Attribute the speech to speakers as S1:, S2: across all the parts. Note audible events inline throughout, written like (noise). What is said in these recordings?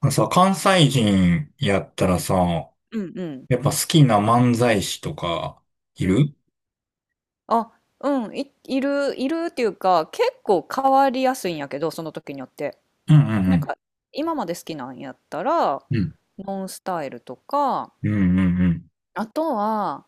S1: あのさ、関西人やったらさ、
S2: うんうん。
S1: やっぱ好きな漫才師とか、い
S2: うん。
S1: る。
S2: あ、うん、いるっていうか、結構変わりやすいんやけど、その時によって。
S1: うんう
S2: なん
S1: ん
S2: か、今まで好きなんやったら、
S1: うん。うん。
S2: ノンスタイルとか、
S1: うんうんうん。
S2: あとは、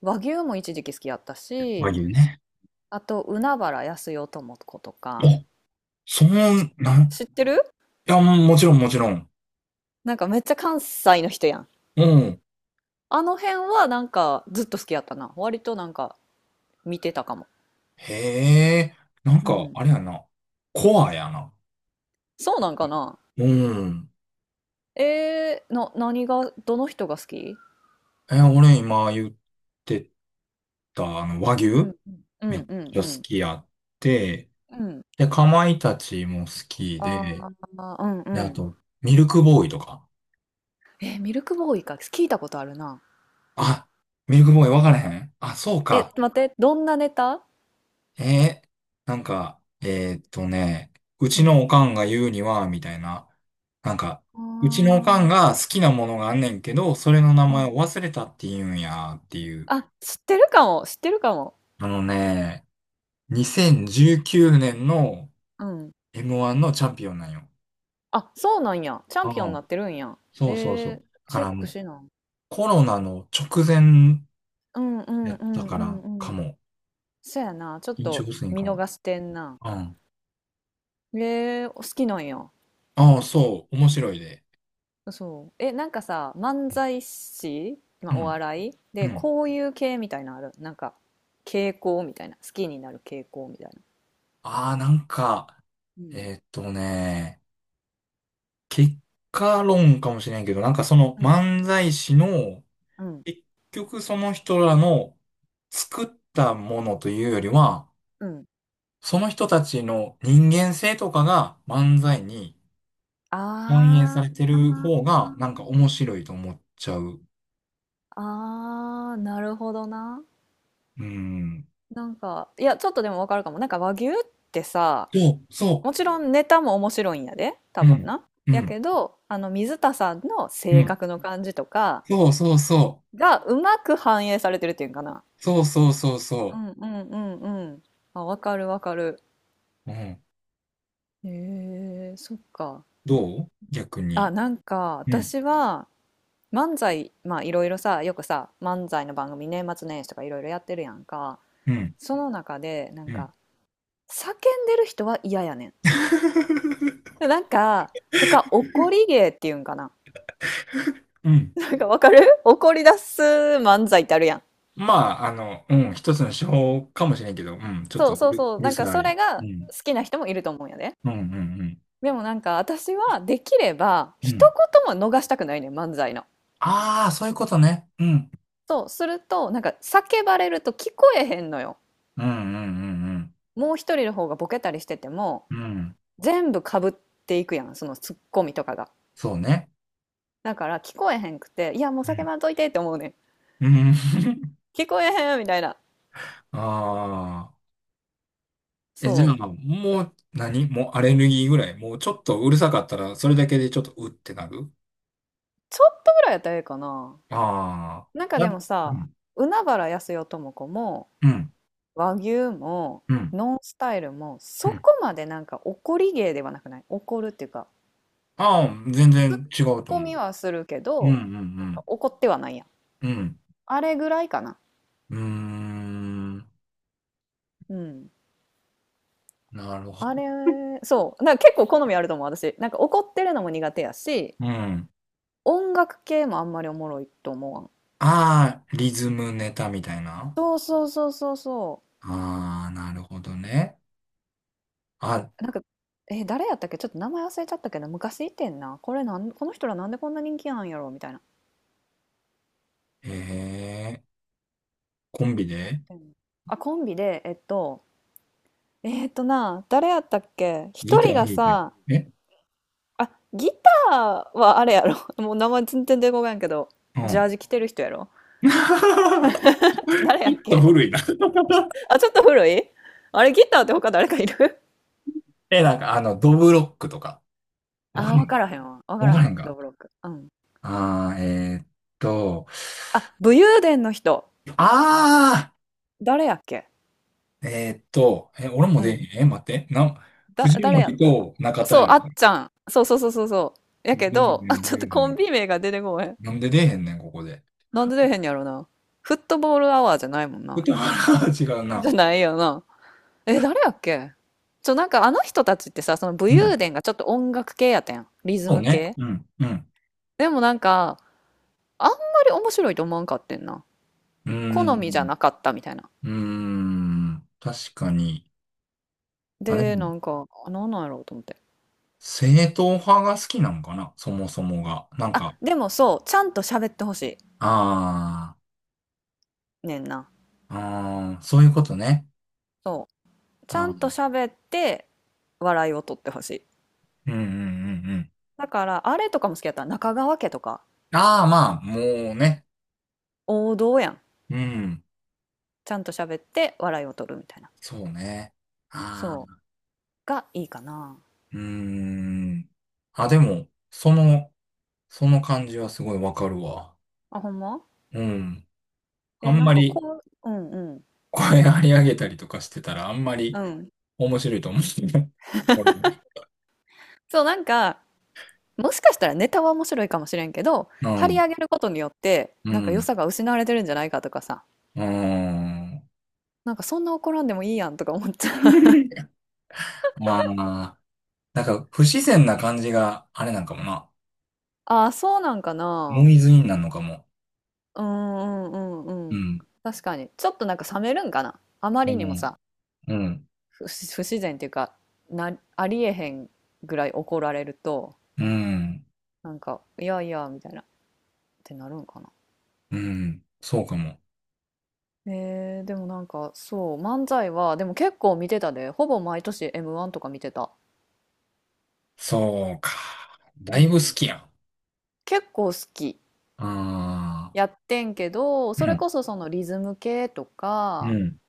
S2: 和牛も一時期好きやった
S1: 和
S2: し、
S1: 牛ね。
S2: あと、海原やすよともことか、
S1: お、そ
S2: し、
S1: う、なん、
S2: 知ってる？
S1: いや、もちろんもちろん。
S2: なんかめっちゃ関西の人やん。
S1: うん。
S2: あの辺はなんかずっと好きやったな。割となんか見てたかも。
S1: へえ、なん
S2: う
S1: か、
S2: ん。
S1: あれやな。コアやな。
S2: そうなんかな。
S1: うん。
S2: 何が、どの人が好き？
S1: え、俺今言ってた、和
S2: うん
S1: 牛
S2: う
S1: め
S2: ん
S1: っ
S2: うん
S1: ちゃ
S2: う
S1: 好
S2: ん
S1: きやって、
S2: うんうん。
S1: で、かまいたちも好き
S2: あ
S1: で、
S2: あー。うん
S1: で、
S2: う
S1: あ
S2: ん。
S1: と、ミルクボーイとか。
S2: え、ミルクボーイか聞いたことあるな。
S1: あ、ミルクボーイ分からへん。あ、そう
S2: え、
S1: か。
S2: 待って、どんなネタ？
S1: えー、なんか、う
S2: う
S1: ちのお
S2: ん。
S1: かんが言うには、みたいな。なんか、うちのお
S2: あ
S1: かんが好きなものがあんねんけど、それの名
S2: あ、う
S1: 前を
S2: ん。
S1: 忘れたって言うんや、っていう。
S2: あ、知ってるかも知ってるかも。
S1: あのね、2019年の
S2: うん。
S1: M1 のチャンピオンなんよ。
S2: あ、そうなんや。チャン
S1: あ
S2: ピオンに
S1: あ、
S2: なってるんや。え
S1: そうそうそ
S2: ー、
S1: う。だか
S2: チェッ
S1: らも
S2: ク
S1: う、
S2: しな。
S1: コロナの直前
S2: うんう
S1: や
S2: ん
S1: っ
S2: う
S1: た
S2: ん
S1: か
S2: うん
S1: ら、
S2: う
S1: か
S2: ん。
S1: も。
S2: そやな、ちょっ
S1: 飲食
S2: と
S1: 店
S2: 見
S1: かも。
S2: 逃してんな。
S1: うん。
S2: お、好きなんや。
S1: ああ、そう。面白いで。
S2: そう。え、なんかさ、漫才師、ま
S1: う
S2: あ、お
S1: ん。
S2: 笑い
S1: う
S2: で、
S1: ん。
S2: こういう系みたいなのある。なんか、傾向みたいな。好きになる傾向みたいな。
S1: ああ、なんか、
S2: うん。
S1: えーっとね、結果論かもしれんけど、なんかその
S2: な。うん。
S1: 漫才師の、
S2: うん。
S1: 結局その人らの作ったものというよりは、
S2: うん。
S1: その人たちの人間性とかが漫才に反映さ
S2: あ
S1: れ
S2: あ、
S1: てる方が、なんか面白いと思っちゃう。
S2: ああ、なるほどな。
S1: うん。
S2: なんか、いや、ちょっとでもわかるかも。なんか和牛ってさ、
S1: そう、そ
S2: もちろんネタも面白いんやで、多
S1: う。う
S2: 分
S1: ん。
S2: な。
S1: う
S2: や
S1: ん。
S2: けど、水田さんの
S1: う
S2: 性
S1: ん。
S2: 格の感じとか
S1: そうそうそ
S2: がうまく反映されてるっていうんかな。
S1: う。そうそうそう
S2: う
S1: そ
S2: んうんうんうん。あ、わかるわかる。
S1: う。うん。
S2: へえ、そっか。
S1: どう逆
S2: あ、
S1: に。
S2: なんか
S1: うん。
S2: 私は漫才、まあいろいろさ、よくさ、漫才の番組年末年始とかいろいろやってるやんか。
S1: うん
S2: その中で、なん
S1: うん。
S2: か、叫んでる人は嫌やね
S1: (laughs)
S2: ん。なんか、とか、怒り芸っていうんかな。
S1: うん。
S2: なんかわかる。怒り出す漫才ってあるやん。
S1: まあ、うん、一つの手法かもしれんけど、うん、ちょっ
S2: そ
S1: と
S2: う
S1: う
S2: そう
S1: る、
S2: そう。
S1: うる
S2: なんか
S1: さ
S2: それ
S1: い。う
S2: が
S1: ん。
S2: 好きな人もいると思うんやで。
S1: うん、うん、
S2: でもなんか私はできれば
S1: うん。う
S2: 一
S1: ん。
S2: 言も逃したくないねん、漫才の。
S1: ああ、そういうことね。うん。
S2: そう、すると、なんか叫ばれると聞こえへんのよ。
S1: うん、うん、
S2: もう一人の方がボケたりしてても、
S1: うん、うん。うん。
S2: 全部かぶっていくやん、そのツッコミとかが。
S1: そうね。
S2: だから聞こえへんくて、いや、もう
S1: う
S2: 叫
S1: ん。
S2: ばんといてって思うねん。
S1: うん。(laughs)
S2: 聞こえへんみたいな。
S1: ああ。え、じゃ
S2: そ
S1: あ、
S2: う。
S1: もう何、もうアレルギーぐらい。もうちょっとうるさかったら、それだけでちょっとうってなる。
S2: ちょっとぐらいやったらええかな。
S1: あ
S2: なんか
S1: あ。
S2: でも
S1: う
S2: さ、
S1: ん。
S2: 海原やすよとも子も、
S1: うん。
S2: 和牛も、
S1: うん。
S2: ノンスタイルも、
S1: う
S2: そこ
S1: ん。
S2: までなんか怒り芸ではなくない？怒るっていうか、
S1: ああ、全然違
S2: ツッ
S1: うと
S2: コ
S1: 思う。
S2: ミはするけ
S1: うん、う
S2: ど、
S1: ん、う
S2: なんか
S1: ん。
S2: 怒ってはないやん。
S1: うん。
S2: あれぐらいかな。
S1: うーん。
S2: うん。
S1: なるほ
S2: あ
S1: ど。
S2: れ、そう。なんか結構好みあると思う、私。なんか怒ってるのも苦手やし、
S1: うん。
S2: 音楽系もあんまりおもろいと思わん。
S1: ああ、リズムネタみたいな。
S2: そうそうそうそうそ
S1: ああ、なるほどね。あ、
S2: う。なんか、え、誰やったっけ、ちょっと名前忘れちゃったけど、昔いてんな。この人らなんでこんな人気なんやろみたいな。
S1: へえ、コンビで
S2: うん。あ、コンビで、えっと、えっとな、誰やったっけ、
S1: ギ
S2: 一
S1: タ
S2: 人
S1: ー弾
S2: が
S1: いたり。
S2: さ、
S1: え。
S2: あ、ギターはあれやろ。(laughs) もう名前全然出てこないんけど、
S1: う
S2: ジャー
S1: ん。
S2: ジ着てる人やろ。
S1: (laughs) ちょっ
S2: 誰やっ
S1: と
S2: け？
S1: 古いな。
S2: あ、ちょっと古い。あれ、ギターって他誰かいる？
S1: (laughs) え、なんかドブロックとか。わか
S2: ああ、わ
S1: ん
S2: か
S1: か。
S2: らへんわ。わか
S1: わ
S2: ら
S1: か
S2: へ
S1: らん
S2: ん、ど
S1: か。
S2: ぶろく。うん。
S1: ああ、と、
S2: あ、武勇伝の人。
S1: あ
S2: 誰やっけ？
S1: あ、え、俺も
S2: う
S1: で、
S2: ん。
S1: え、待って、藤
S2: 誰やっ
S1: 森
S2: た？
S1: と中田
S2: そう、
S1: やろ。
S2: あっちゃん。そうそうそうそうそう。や
S1: 出
S2: け
S1: えへ
S2: ど、あ、
S1: ん
S2: ち
S1: 出
S2: ょっ
S1: えへ
S2: とコン
S1: ん。
S2: ビ名が出てこへん。
S1: なんで出えへんねん、ここで。
S2: なんで出えへんやろな。フットボールアワーじゃないもんな。
S1: でも、あら (laughs) 違う
S2: じ
S1: な。
S2: ゃないよな。え、誰やっけ？なんかあの人たちってさ、その武
S1: うん。
S2: 勇伝がちょっと音楽系やったやん。リズ
S1: そう
S2: ム
S1: ね。
S2: 系。
S1: うん。うん。
S2: でもなんか、あんまり面白いと思わんかってんな。
S1: うー
S2: 好みじゃ
S1: ん。
S2: なかったみたいな。
S1: うーん。確かに。あ、でも、
S2: で、なんか、あ、なんなんやろうと思って。
S1: 正統派が好きなんかな、そもそもが。なん
S2: あ、
S1: か、
S2: でもそう、ちゃんと喋ってほし
S1: あ
S2: いねんな。
S1: あ、ああ、そういうことね。
S2: そう。ちゃ
S1: あ
S2: んと
S1: ー、
S2: 喋って笑いを取ってほしい。
S1: うんうんうんうん。
S2: だから、あれとかも好きやった。中川家とか、
S1: ああ、まあ、もうね。
S2: 王道やん。
S1: うん。
S2: ちゃんと喋って笑いを取るみたいな。
S1: そうね。あ
S2: そう。
S1: あ、
S2: がいいかな。
S1: うーん。あ、でも、その感じはすごいわかるわ。
S2: あ、ほんま？
S1: うん。あ
S2: え、
S1: ん
S2: なん
S1: ま
S2: か
S1: り、
S2: こう、うんうん。
S1: 声張り上げたりとかしてたらあんま
S2: う
S1: り
S2: ん。
S1: 面白いと思う (laughs) んですよね。これね。
S2: そう、なんか、もしかしたらネタは面白いかもしれんけど、
S1: う
S2: 張り
S1: ん、
S2: 上げることによって、
S1: う
S2: なんか良
S1: ん、
S2: さが失われてるんじゃないかとかさ。
S1: うん。
S2: なんかそんな怒らんでもいいやんとか思っちゃう。
S1: (laughs) まあ、なんか不自然な感じがあれなんかもな。
S2: ああ、そうなんか
S1: ノ
S2: な。
S1: イズインなんのかも。
S2: うんうんうん
S1: う
S2: うん。
S1: ん、
S2: 確かに。ちょっとなんか冷めるんかな。あま
S1: う
S2: りにも
S1: ん、
S2: さ、
S1: うん、
S2: 不自然っていうか、ありえへんぐらい怒られると、
S1: うん、
S2: なんか、いやいや、みたいな、ってなるんかな。
S1: うん、そうかも。
S2: でもなんか、そう、漫才は、でも結構見てたで、ほぼ毎年 M1 とか見てた。
S1: そうか。だ
S2: う
S1: いぶ好
S2: ん。
S1: きやん。
S2: 結構好き。
S1: ああ、
S2: やってんけど、
S1: う
S2: それ
S1: ん、
S2: こそそのリズム系と
S1: う
S2: か、
S1: ん、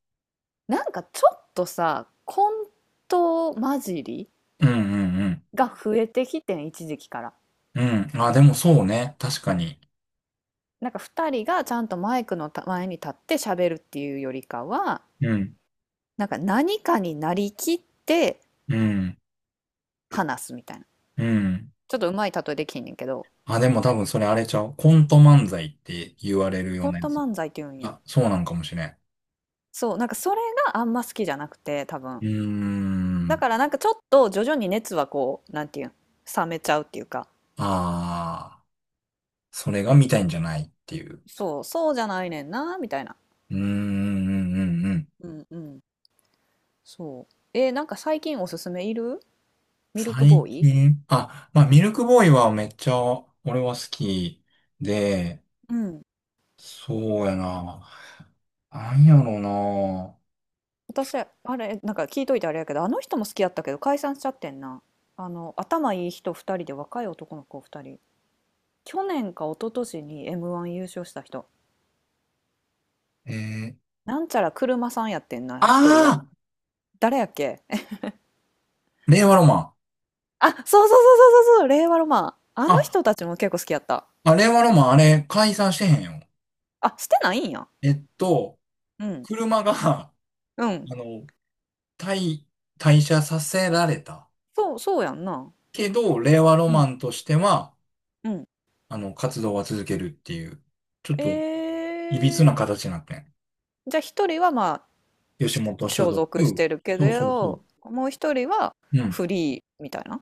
S2: なんかちょっとさ、コント混じり
S1: うん、うん、うん。
S2: が増えてきてん、一時期から。
S1: うん、あ、でもそうね。確かに。
S2: なんか2人がちゃんとマイクの前に立って喋るっていうよりかは、
S1: うん、
S2: なんか何かになりきって
S1: うん、
S2: 話すみたいな。
S1: うん。
S2: ちょっとうまい例えできひんねんけど、
S1: あ、でも多分それあれちゃう。コント漫才って言われるよう
S2: コン
S1: なや
S2: ト
S1: つ。
S2: 漫才って言うんや？
S1: あ、そうなんかもしれん。
S2: そうなんか、それがあんま好きじゃなくて、多
S1: う
S2: 分。
S1: ー
S2: だ
S1: ん。
S2: からなんかちょっと徐々に熱は、こう、なんていうん、冷めちゃうっていうか。
S1: ああ、それが見たいんじゃないっていう。
S2: そうそう、じゃないねんなみたいな。
S1: うーん、うんうんうん。
S2: うんうん。そう。なんか最近おすすめいる？ミルク
S1: 最
S2: ボーイ。
S1: 近、あ、まあ、ミルクボーイはめっちゃ俺は好きで、
S2: うん。
S1: そうやな。なんやろな。
S2: 私、あれ、なんか聞いといてあれやけど、あの人も好きやったけど解散しちゃってんな。あの、頭いい人2人で若い男の子2人。去年か一昨年に M1 優勝した人。
S1: えー、
S2: なんちゃら車さんやってんな、1人が。
S1: ああ、
S2: 誰やっけえ、
S1: 令和ロマン。
S2: あ、そうそうそうそうそうそう、令和ロマン。あの
S1: あ、
S2: 人たちも結構好きやった。
S1: あ、令和ロマン、あれ、解散してへんよ。
S2: あ、してないんや。
S1: えっと、
S2: うん。
S1: 車が、(laughs)
S2: うん。
S1: あの、退、退社させられた。
S2: そう、そうやんな。
S1: けど、令和ロ
S2: う
S1: マ
S2: ん。
S1: ンとしては、
S2: うん。
S1: あの、活動は続けるっていう、ちょっ
S2: え
S1: と、いびつな
S2: ー、
S1: 形になってん。
S2: じゃあ1人はまあ、
S1: 吉本所
S2: 所
S1: 属。
S2: 属してるけ
S1: そうそうそう。
S2: ど、もう1人は
S1: うん。
S2: フリーみたいな。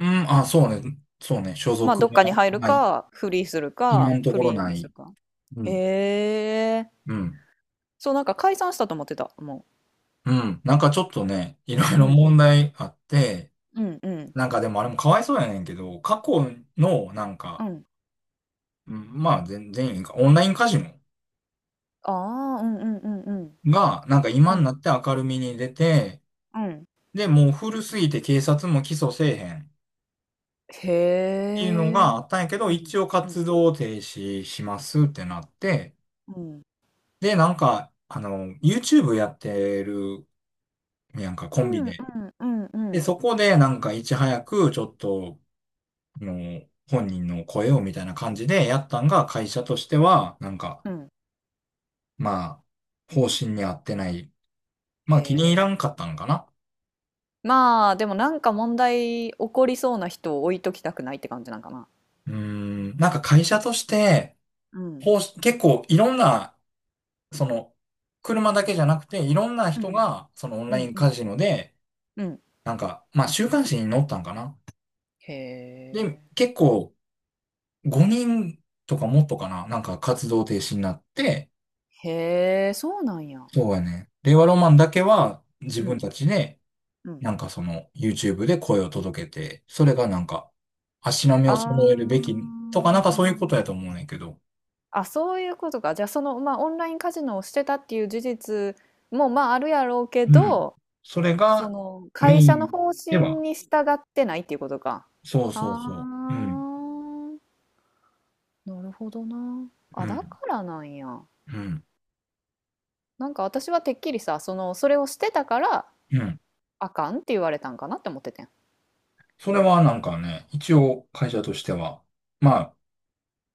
S1: うん、あ、そうね。そうね。所
S2: まあ、
S1: 属
S2: どっかに
S1: は
S2: 入る
S1: ない。
S2: か、フリーする
S1: 今
S2: か、
S1: のと
S2: フ
S1: ころ
S2: リー
S1: な
S2: にす
S1: い。
S2: るか。
S1: うん。
S2: へえ。
S1: うん。
S2: そう、なんか解散したと思ってた、も
S1: うん。なんかちょっとね、いろい
S2: う。う
S1: ろ
S2: んう
S1: 問
S2: ん。
S1: 題あって、
S2: うんうん。
S1: なんかでもあれもかわいそうやねんけど、過去の、なん
S2: う
S1: か、
S2: ん。
S1: うん、まあ全員か、オンラインカジノ
S2: ああ、うんうんうんうん。
S1: が、なんか今
S2: う
S1: にな
S2: ん。
S1: って明るみに出て、
S2: うん。
S1: で、もう古すぎて警察も起訴せえへんっ
S2: へ
S1: ていうの
S2: え。
S1: があったんやけど、
S2: うん。
S1: 一応
S2: うん。
S1: 活動停止しますってなって、
S2: うん。
S1: で、なんか、あの、YouTube やってるやんか、コ
S2: う
S1: ンビ
S2: んう
S1: で。
S2: んうんう
S1: で、
S2: ん。
S1: そこでなんかいち早くちょっと、あの、本人の声をみたいな感じでやったんが、会社としては、なんか、
S2: うん。
S1: まあ、方針に合ってない。
S2: へ
S1: まあ、気に入らん
S2: え。
S1: かったのかな。
S2: まあ、でもなんか問題起こりそうな人を置いときたくないって感じなんかな。
S1: うーん、なんか会社として、
S2: うん。
S1: 方針結構いろんな、その、車だけじゃなくて、いろんな
S2: う
S1: 人
S2: ん。
S1: が、そのオン
S2: う
S1: ライ
S2: ん
S1: ン
S2: うん。
S1: カジノで、
S2: うん。
S1: なんか、まあ、週刊誌に載ったんかな。
S2: へ
S1: で、
S2: え。
S1: 結構、5人とかもっとかな、なんか活動停止になって、
S2: へえ、そうなんや。
S1: そうやね。令和ロマンだけは自
S2: う
S1: 分
S2: ん。
S1: たちで、
S2: うん。
S1: なんかその、YouTube で声を届けて、それがなんか、足並み
S2: あ
S1: を揃えるべ
S2: あ。
S1: きとか、なんかそういうことやと思うねんけど。
S2: あ、そういうことか。じゃあその、まあ、オンラインカジノをしてたっていう事実も、まあ、あるやろうけ
S1: うん。
S2: ど、
S1: それ
S2: そ
S1: が
S2: の
S1: メ
S2: 会
S1: イ
S2: 社の
S1: ン
S2: 方
S1: で
S2: 針
S1: は、
S2: に従ってないっていうことか。
S1: そう
S2: あ
S1: そうそう。うん。
S2: あ、なるほどな。
S1: う
S2: あ、だ
S1: ん。
S2: からなんや。
S1: うん。
S2: なんか私はてっきりさ、その、それをしてたから
S1: うん。
S2: あかんって言われたんかなって思っててん。
S1: それはなんかね、一応会社としては、ま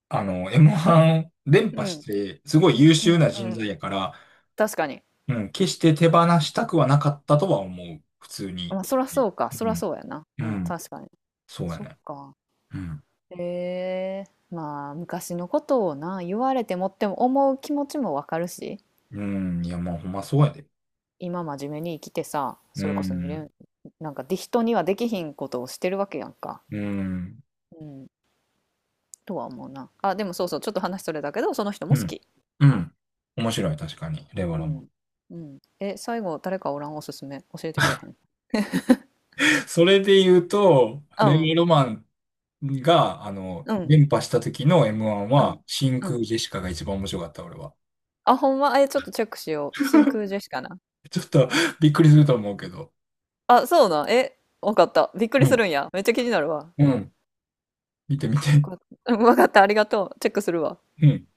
S1: あ、あの、M1 連
S2: う
S1: 覇し
S2: ん、
S1: て、すごい優
S2: う
S1: 秀
S2: ん、
S1: な
S2: う
S1: 人材
S2: ん。
S1: やから、
S2: 確かに。
S1: うん、決して手放したくはなかったとは思う。普通に。
S2: まあ、そらそうか。
S1: う
S2: そら
S1: ん。
S2: そうやな。
S1: う
S2: うん、
S1: ん。
S2: 確かに。
S1: そうや
S2: そっ
S1: ね。
S2: か。
S1: うん。
S2: ええ、まあ、昔のことをな、言われてもっても思う気持ちもわかるし、
S1: うん。いや、まあ、ほんまそうやで。
S2: 今真面目に生きてさ、
S1: う
S2: それこそに
S1: ん。
S2: 連なんかで、人にはできひんことをしてるわけやんか。
S1: うん。
S2: うん、とは思うな。あ、でもそうそう、ちょっと話それだけど、その人
S1: う
S2: も好
S1: ん。
S2: き。
S1: うん。面白い、確かに。令和
S2: う
S1: ロマン。
S2: ん。うん。え、最後誰かおらん？おすすめ教えてくれへん？
S1: (laughs) それで言うと、
S2: う
S1: 令
S2: ん
S1: 和ロマンが、あの、
S2: うん
S1: 連覇した時の M1
S2: うん
S1: は、真
S2: う
S1: 空
S2: ん。
S1: ジェシカが一番面白かった、俺は。
S2: あ、ほんま？え、ちょっとチェックしよう、真空ジェシカな。
S1: ちょっとびっくりすると思うけど。
S2: あ、そうなん？え、わかった。びっくり
S1: う
S2: す
S1: ん。
S2: るんや？めっちゃ気になるわ。
S1: うん。見て見
S2: わ
S1: て。
S2: かった。うん、わかった。ありがとう。チェックするわ。
S1: うん。